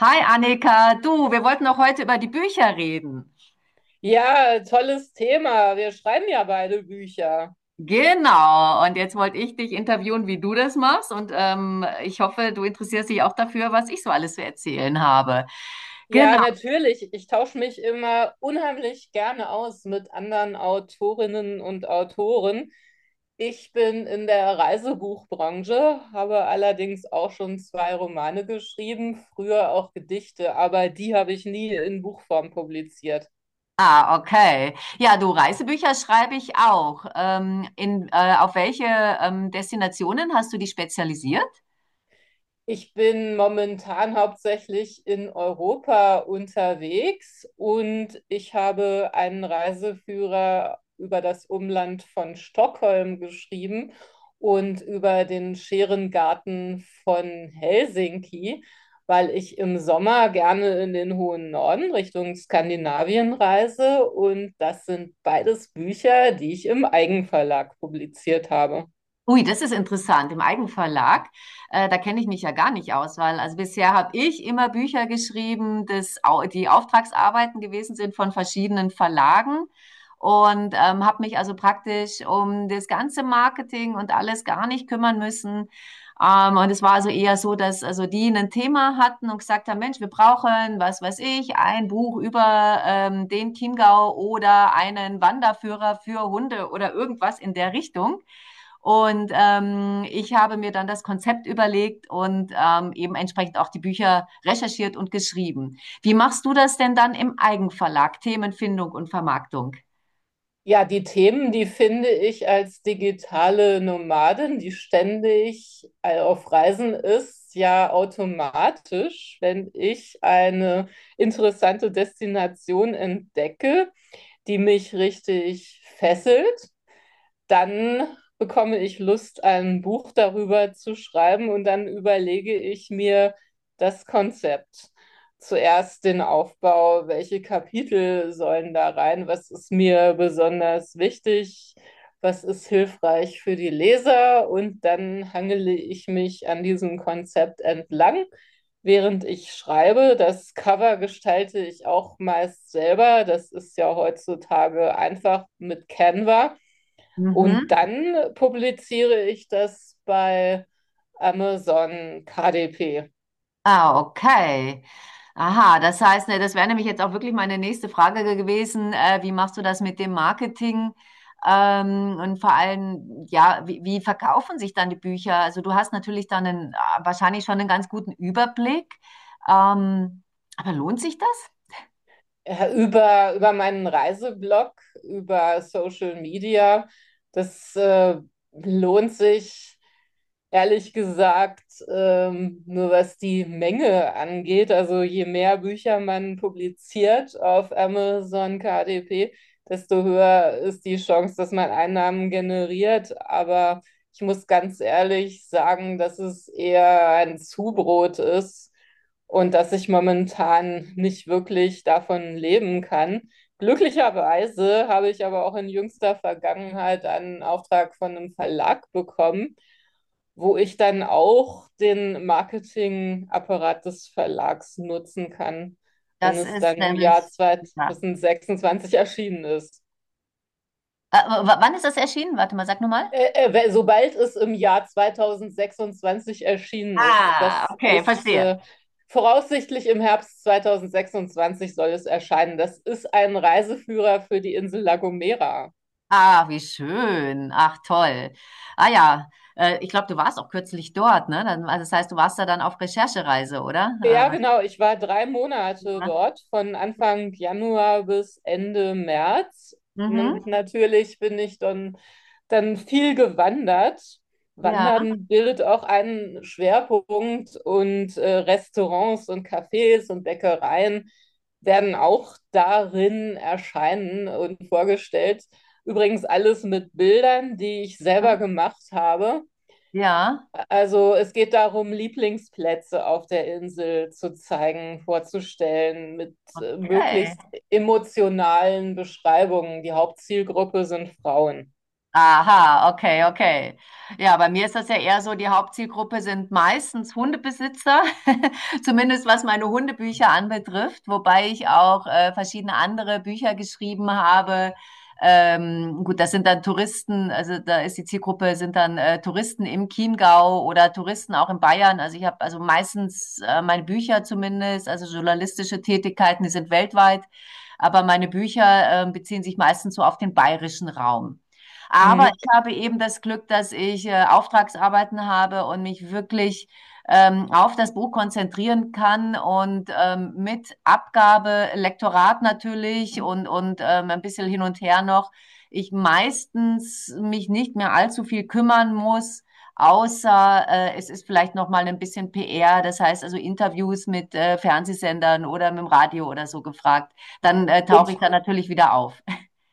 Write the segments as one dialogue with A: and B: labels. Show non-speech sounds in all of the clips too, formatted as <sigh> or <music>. A: Hi Annika, du, wir wollten auch heute über die Bücher reden.
B: Ja, tolles Thema. Wir schreiben ja beide Bücher.
A: Genau, und jetzt wollte ich dich interviewen, wie du das machst. Ich hoffe, du interessierst dich auch dafür, was ich so alles zu erzählen habe. Genau,
B: Ja, natürlich. Ich tausche mich immer unheimlich gerne aus mit anderen Autorinnen und Autoren. Ich bin in der Reisebuchbranche, habe allerdings auch schon zwei Romane geschrieben, früher auch Gedichte, aber die habe ich nie in Buchform publiziert.
A: ah, okay. Ja, du, Reisebücher schreibe ich auch. Auf welche Destinationen hast du dich spezialisiert?
B: Ich bin momentan hauptsächlich in Europa unterwegs und ich habe einen Reiseführer über das Umland von Stockholm geschrieben und über den Scherengarten von Helsinki, weil ich im Sommer gerne in den hohen Norden Richtung Skandinavien reise, und das sind beides Bücher, die ich im Eigenverlag publiziert habe.
A: Ui, das ist interessant. Im Eigenverlag, da kenne ich mich ja gar nicht aus, weil also bisher habe ich immer Bücher geschrieben, die Auftragsarbeiten gewesen sind von verschiedenen Verlagen und habe mich also praktisch um das ganze Marketing und alles gar nicht kümmern müssen. Und es war also eher so, dass also die ein Thema hatten und gesagt haben, Mensch, wir brauchen, was weiß ich, ein Buch über den Chiemgau oder einen Wanderführer für Hunde oder irgendwas in der Richtung. Und ich habe mir dann das Konzept überlegt und eben entsprechend auch die Bücher recherchiert und geschrieben. Wie machst du das denn dann im Eigenverlag, Themenfindung und Vermarktung?
B: Ja, die Themen, die finde ich als digitale Nomadin, die ständig auf Reisen ist, ja automatisch. Wenn ich eine interessante Destination entdecke, die mich richtig fesselt, dann bekomme ich Lust, ein Buch darüber zu schreiben, und dann überlege ich mir das Konzept. Zuerst den Aufbau: welche Kapitel sollen da rein, was ist mir besonders wichtig, was ist hilfreich für die Leser, und dann hangele ich mich an diesem Konzept entlang, während ich schreibe. Das Cover gestalte ich auch meist selber, das ist ja heutzutage einfach mit Canva. Und
A: Mhm.
B: dann publiziere ich das bei Amazon KDP.
A: Ah, okay. Aha, das heißt, ne, das wäre nämlich jetzt auch wirklich meine nächste Frage gewesen. Wie machst du das mit dem Marketing? Und vor allem, ja, wie verkaufen sich dann die Bücher? Also du hast natürlich dann einen, wahrscheinlich schon einen ganz guten Überblick. Ähm, aber lohnt sich das?
B: Ja, über meinen Reiseblog, über Social Media. Das lohnt sich, ehrlich gesagt, nur was die Menge angeht. Also, je mehr Bücher man publiziert auf Amazon KDP, desto höher ist die Chance, dass man Einnahmen generiert. Aber ich muss ganz ehrlich sagen, dass es eher ein Zubrot ist und dass ich momentan nicht wirklich davon leben kann. Glücklicherweise habe ich aber auch in jüngster Vergangenheit einen Auftrag von einem Verlag bekommen, wo ich dann auch den Marketingapparat des Verlags nutzen kann, wenn
A: Das
B: es dann
A: ist
B: im Jahr
A: nämlich, ja.
B: 2026 erschienen ist.
A: Wann ist das erschienen? Warte mal, sag nur mal.
B: Sobald es im Jahr 2026 erschienen ist,
A: Ah,
B: das
A: okay,
B: ist
A: verstehe.
B: voraussichtlich im Herbst 2026 soll es erscheinen. Das ist ein Reiseführer für die Insel La Gomera.
A: Ah, wie schön. Ach, toll. Ah ja, ich glaube, du warst auch kürzlich dort, ne? Dann, also das heißt, du warst da dann auf Recherchereise, oder?
B: Ja, genau. Ich war drei Monate
A: Ja.
B: dort, von Anfang Januar bis Ende März.
A: Mhm.
B: Und natürlich bin ich dann viel gewandert.
A: Ja.
B: Wandern bildet auch einen Schwerpunkt, und Restaurants und Cafés und Bäckereien werden auch darin erscheinen und vorgestellt. Übrigens alles mit Bildern, die ich selber gemacht habe.
A: Ja.
B: Also, es geht darum, Lieblingsplätze auf der Insel zu zeigen, vorzustellen, mit
A: Okay.
B: möglichst emotionalen Beschreibungen. Die Hauptzielgruppe sind Frauen.
A: Aha, okay, okay. Ja, bei mir ist das ja eher so, die Hauptzielgruppe sind meistens Hundebesitzer, <laughs> zumindest was meine Hundebücher anbetrifft, wobei ich auch verschiedene andere Bücher geschrieben habe. Gut, das sind dann Touristen, also da ist die Zielgruppe, sind dann Touristen im Chiemgau oder Touristen auch in Bayern. Also ich habe also meistens meine Bücher zumindest, also journalistische Tätigkeiten, die sind weltweit, aber meine Bücher beziehen sich meistens so auf den bayerischen Raum. Aber
B: Mhm.
A: ich habe eben das Glück, dass ich Auftragsarbeiten habe und mich wirklich auf das Buch konzentrieren kann und mit Abgabe, Lektorat natürlich und ein bisschen hin und her noch, ich meistens mich nicht mehr allzu viel kümmern muss, außer es ist vielleicht noch mal ein bisschen PR, das heißt also Interviews mit Fernsehsendern oder mit dem Radio oder so gefragt, dann tauche ich
B: Und,
A: da natürlich wieder auf.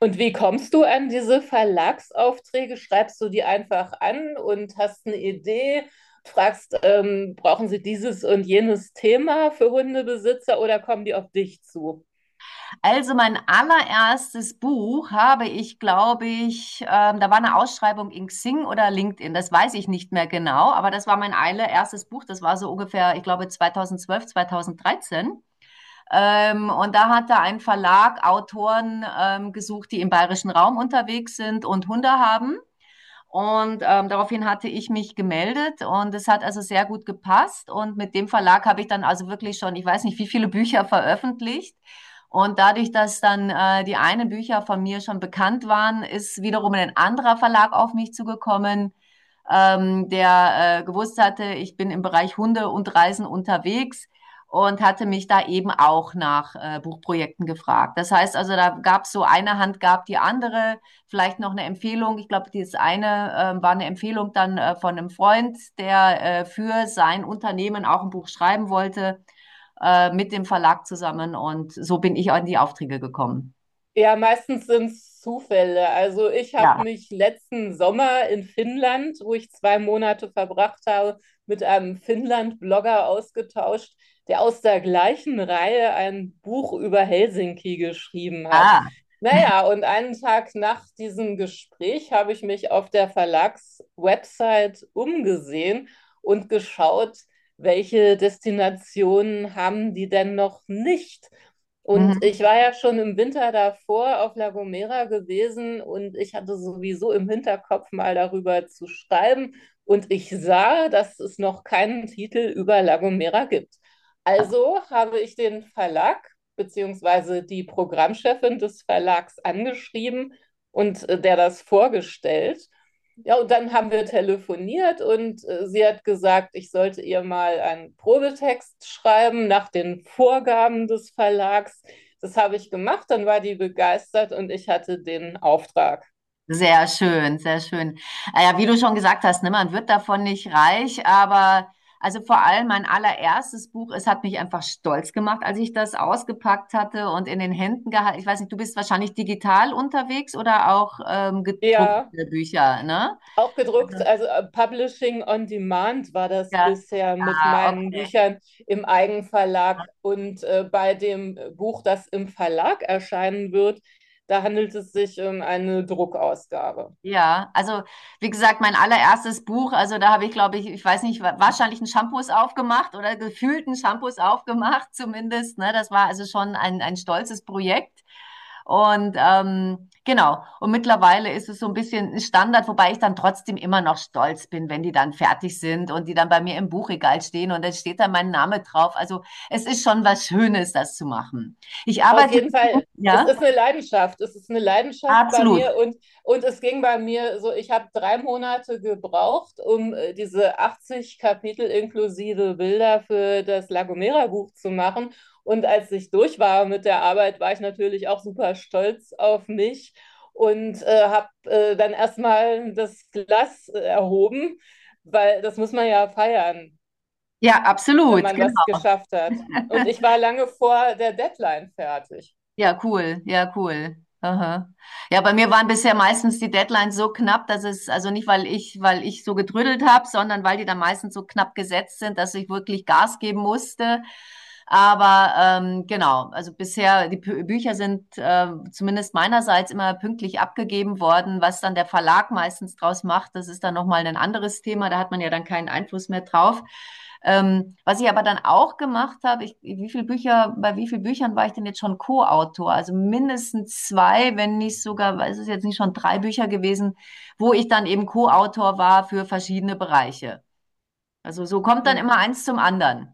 B: und wie kommst du an diese Verlagsaufträge? Schreibst du die einfach an und hast eine Idee? Fragst, brauchen sie dieses und jenes Thema für Hundebesitzer, oder kommen die auf dich zu?
A: Also mein allererstes Buch habe ich, glaube ich, da war eine Ausschreibung in Xing oder LinkedIn, das weiß ich nicht mehr genau, aber das war mein allererstes Buch, das war so ungefähr, ich glaube, 2012, 2013. Und da hat da ein Verlag Autoren gesucht, die im bayerischen Raum unterwegs sind und Hunde haben. Und daraufhin hatte ich mich gemeldet und es hat also sehr gut gepasst. Und mit dem Verlag habe ich dann also wirklich schon, ich weiß nicht, wie viele Bücher veröffentlicht. Und dadurch, dass dann die einen Bücher von mir schon bekannt waren, ist wiederum ein anderer Verlag auf mich zugekommen, der gewusst hatte, ich bin im Bereich Hunde und Reisen unterwegs und hatte mich da eben auch nach Buchprojekten gefragt. Das heißt also, da gab es so eine Hand, gab die andere, vielleicht noch eine Empfehlung. Ich glaube, dieses eine war eine Empfehlung dann von einem Freund, der für sein Unternehmen auch ein Buch schreiben wollte, mit dem Verlag zusammen. Und so bin ich an die Aufträge gekommen.
B: Ja, meistens sind es Zufälle. Also, ich habe
A: Ja.
B: mich letzten Sommer in Finnland, wo ich zwei Monate verbracht habe, mit einem Finnland-Blogger ausgetauscht, der aus der gleichen Reihe ein Buch über Helsinki geschrieben hat.
A: Ah.
B: Naja, und einen Tag nach diesem Gespräch habe ich mich auf der Verlagswebsite umgesehen und geschaut, welche Destinationen haben die denn noch nicht? Und
A: Mhm.
B: ich war ja schon im Winter davor auf La Gomera gewesen, und ich hatte sowieso im Hinterkopf, mal darüber zu schreiben. Und ich sah, dass es noch keinen Titel über La Gomera gibt. Also habe ich den Verlag beziehungsweise die Programmchefin des Verlags angeschrieben und der das vorgestellt. Ja, und dann haben wir telefoniert, und sie hat gesagt, ich sollte ihr mal einen Probetext schreiben nach den Vorgaben des Verlags. Das habe ich gemacht, dann war die begeistert und ich hatte den Auftrag.
A: Sehr schön, sehr schön. Ah ja, wie du schon gesagt hast, ne, man wird davon nicht reich, aber also vor allem mein allererstes Buch, es hat mich einfach stolz gemacht, als ich das ausgepackt hatte und in den Händen gehalten. Ich weiß nicht, du bist wahrscheinlich digital unterwegs oder auch
B: Ja,
A: gedruckte Bücher, ne?
B: auch gedruckt, also Publishing on Demand war das
A: Ja.
B: bisher mit
A: Ah,
B: meinen
A: okay.
B: Büchern im Eigenverlag, und bei dem Buch, das im Verlag erscheinen wird, da handelt es sich um eine Druckausgabe.
A: Ja, also wie gesagt, mein allererstes Buch, also da habe ich, glaube ich, ich weiß nicht, wahrscheinlich einen Shampoos aufgemacht oder gefühlten Shampoos aufgemacht <laughs> zumindest. Ne? Das war also schon ein stolzes Projekt. Und genau, und mittlerweile ist es so ein bisschen ein Standard, wobei ich dann trotzdem immer noch stolz bin, wenn die dann fertig sind und die dann bei mir im Buchregal stehen und dann steht da mein Name drauf. Also es ist schon was Schönes, das zu machen. Ich
B: Auf
A: arbeite,
B: jeden Fall. Es
A: ja,
B: ist eine Leidenschaft. Es ist eine Leidenschaft bei
A: absolut.
B: mir, und es ging bei mir so: ich habe drei Monate gebraucht, um diese 80 Kapitel inklusive Bilder für das La Gomera Buch zu machen. Und als ich durch war mit der Arbeit, war ich natürlich auch super stolz auf mich und habe dann erstmal das Glas erhoben, weil das muss man ja feiern,
A: Ja,
B: wenn
A: absolut,
B: man was
A: genau.
B: geschafft hat. Und
A: <laughs>
B: ich war lange vor der Deadline fertig.
A: Ja, cool, ja, cool. Aha. Ja, bei mir waren bisher meistens die Deadlines so knapp, dass es, also nicht, weil ich so gedrüdelt habe, sondern weil die dann meistens so knapp gesetzt sind, dass ich wirklich Gas geben musste. Aber genau, also bisher, die Bücher sind zumindest meinerseits immer pünktlich abgegeben worden. Was dann der Verlag meistens draus macht, das ist dann nochmal ein anderes Thema. Da hat man ja dann keinen Einfluss mehr drauf. Was ich aber dann auch gemacht habe, ich, wie viel Bücher, bei wie vielen Büchern war ich denn jetzt schon Co-Autor? Also mindestens zwei, wenn nicht sogar, weiß es jetzt nicht schon drei Bücher gewesen, wo ich dann eben Co-Autor war für verschiedene Bereiche. Also so kommt dann
B: Hm.
A: immer eins zum anderen.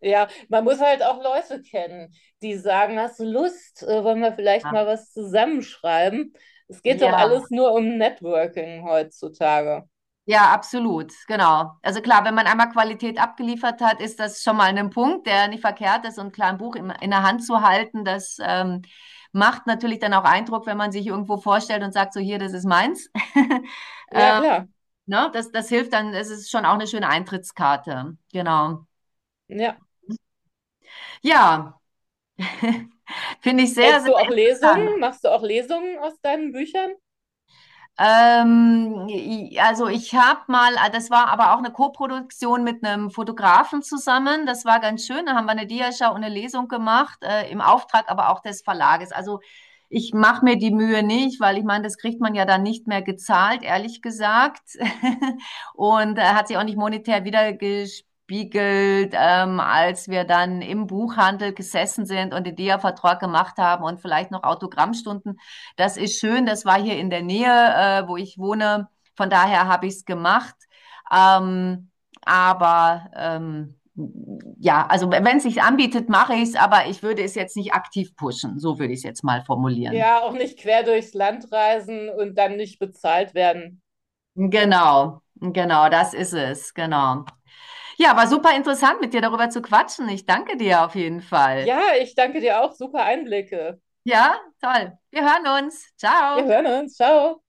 B: Ja, man muss halt auch Leute kennen, die sagen, hast du Lust, wollen wir vielleicht
A: Ah,
B: mal was zusammenschreiben? Es geht doch
A: ja.
B: alles nur um Networking heutzutage.
A: Ja, absolut, genau. Also klar, wenn man einmal Qualität abgeliefert hat, ist das schon mal ein Punkt, der nicht verkehrt ist. Und klar, ein Buch in der Hand zu halten, das macht natürlich dann auch Eindruck, wenn man sich irgendwo vorstellt und sagt, so hier, das ist meins. <laughs>
B: Ja,
A: ähm,
B: klar.
A: ne? Das hilft dann, es ist schon auch eine schöne Eintrittskarte. Genau.
B: Ja.
A: Ja, finde ich sehr, sehr
B: Hältst du auch Lesungen?
A: interessant.
B: Machst du auch Lesungen aus deinen Büchern?
A: Also ich habe mal, ah, das war aber auch eine Koproduktion mit einem Fotografen zusammen. Das war ganz schön. Da haben wir eine Diashow und eine Lesung gemacht, im Auftrag aber auch des Verlages. Also ich mache mir die Mühe nicht, weil ich meine, das kriegt man ja dann nicht mehr gezahlt, ehrlich gesagt. <laughs> Und hat sich auch nicht monetär wiedergespiegelt, als wir dann im Buchhandel gesessen sind und den Dia-Vertrag gemacht haben und vielleicht noch Autogrammstunden, das ist schön, das war hier in der Nähe, wo ich wohne. Von daher habe ich es gemacht. Ähm, aber ja, also wenn es sich anbietet, mache ich es, aber ich würde es jetzt nicht aktiv pushen. So würde ich es jetzt mal formulieren.
B: Ja, auch nicht quer durchs Land reisen und dann nicht bezahlt werden.
A: Genau, genau, das ist es, genau. Ja, war super interessant, mit dir darüber zu quatschen. Ich danke dir auf jeden Fall.
B: Ja, ich danke dir auch. Super Einblicke.
A: Ja, toll. Wir hören uns.
B: Wir
A: Ciao.
B: hören uns. Ciao.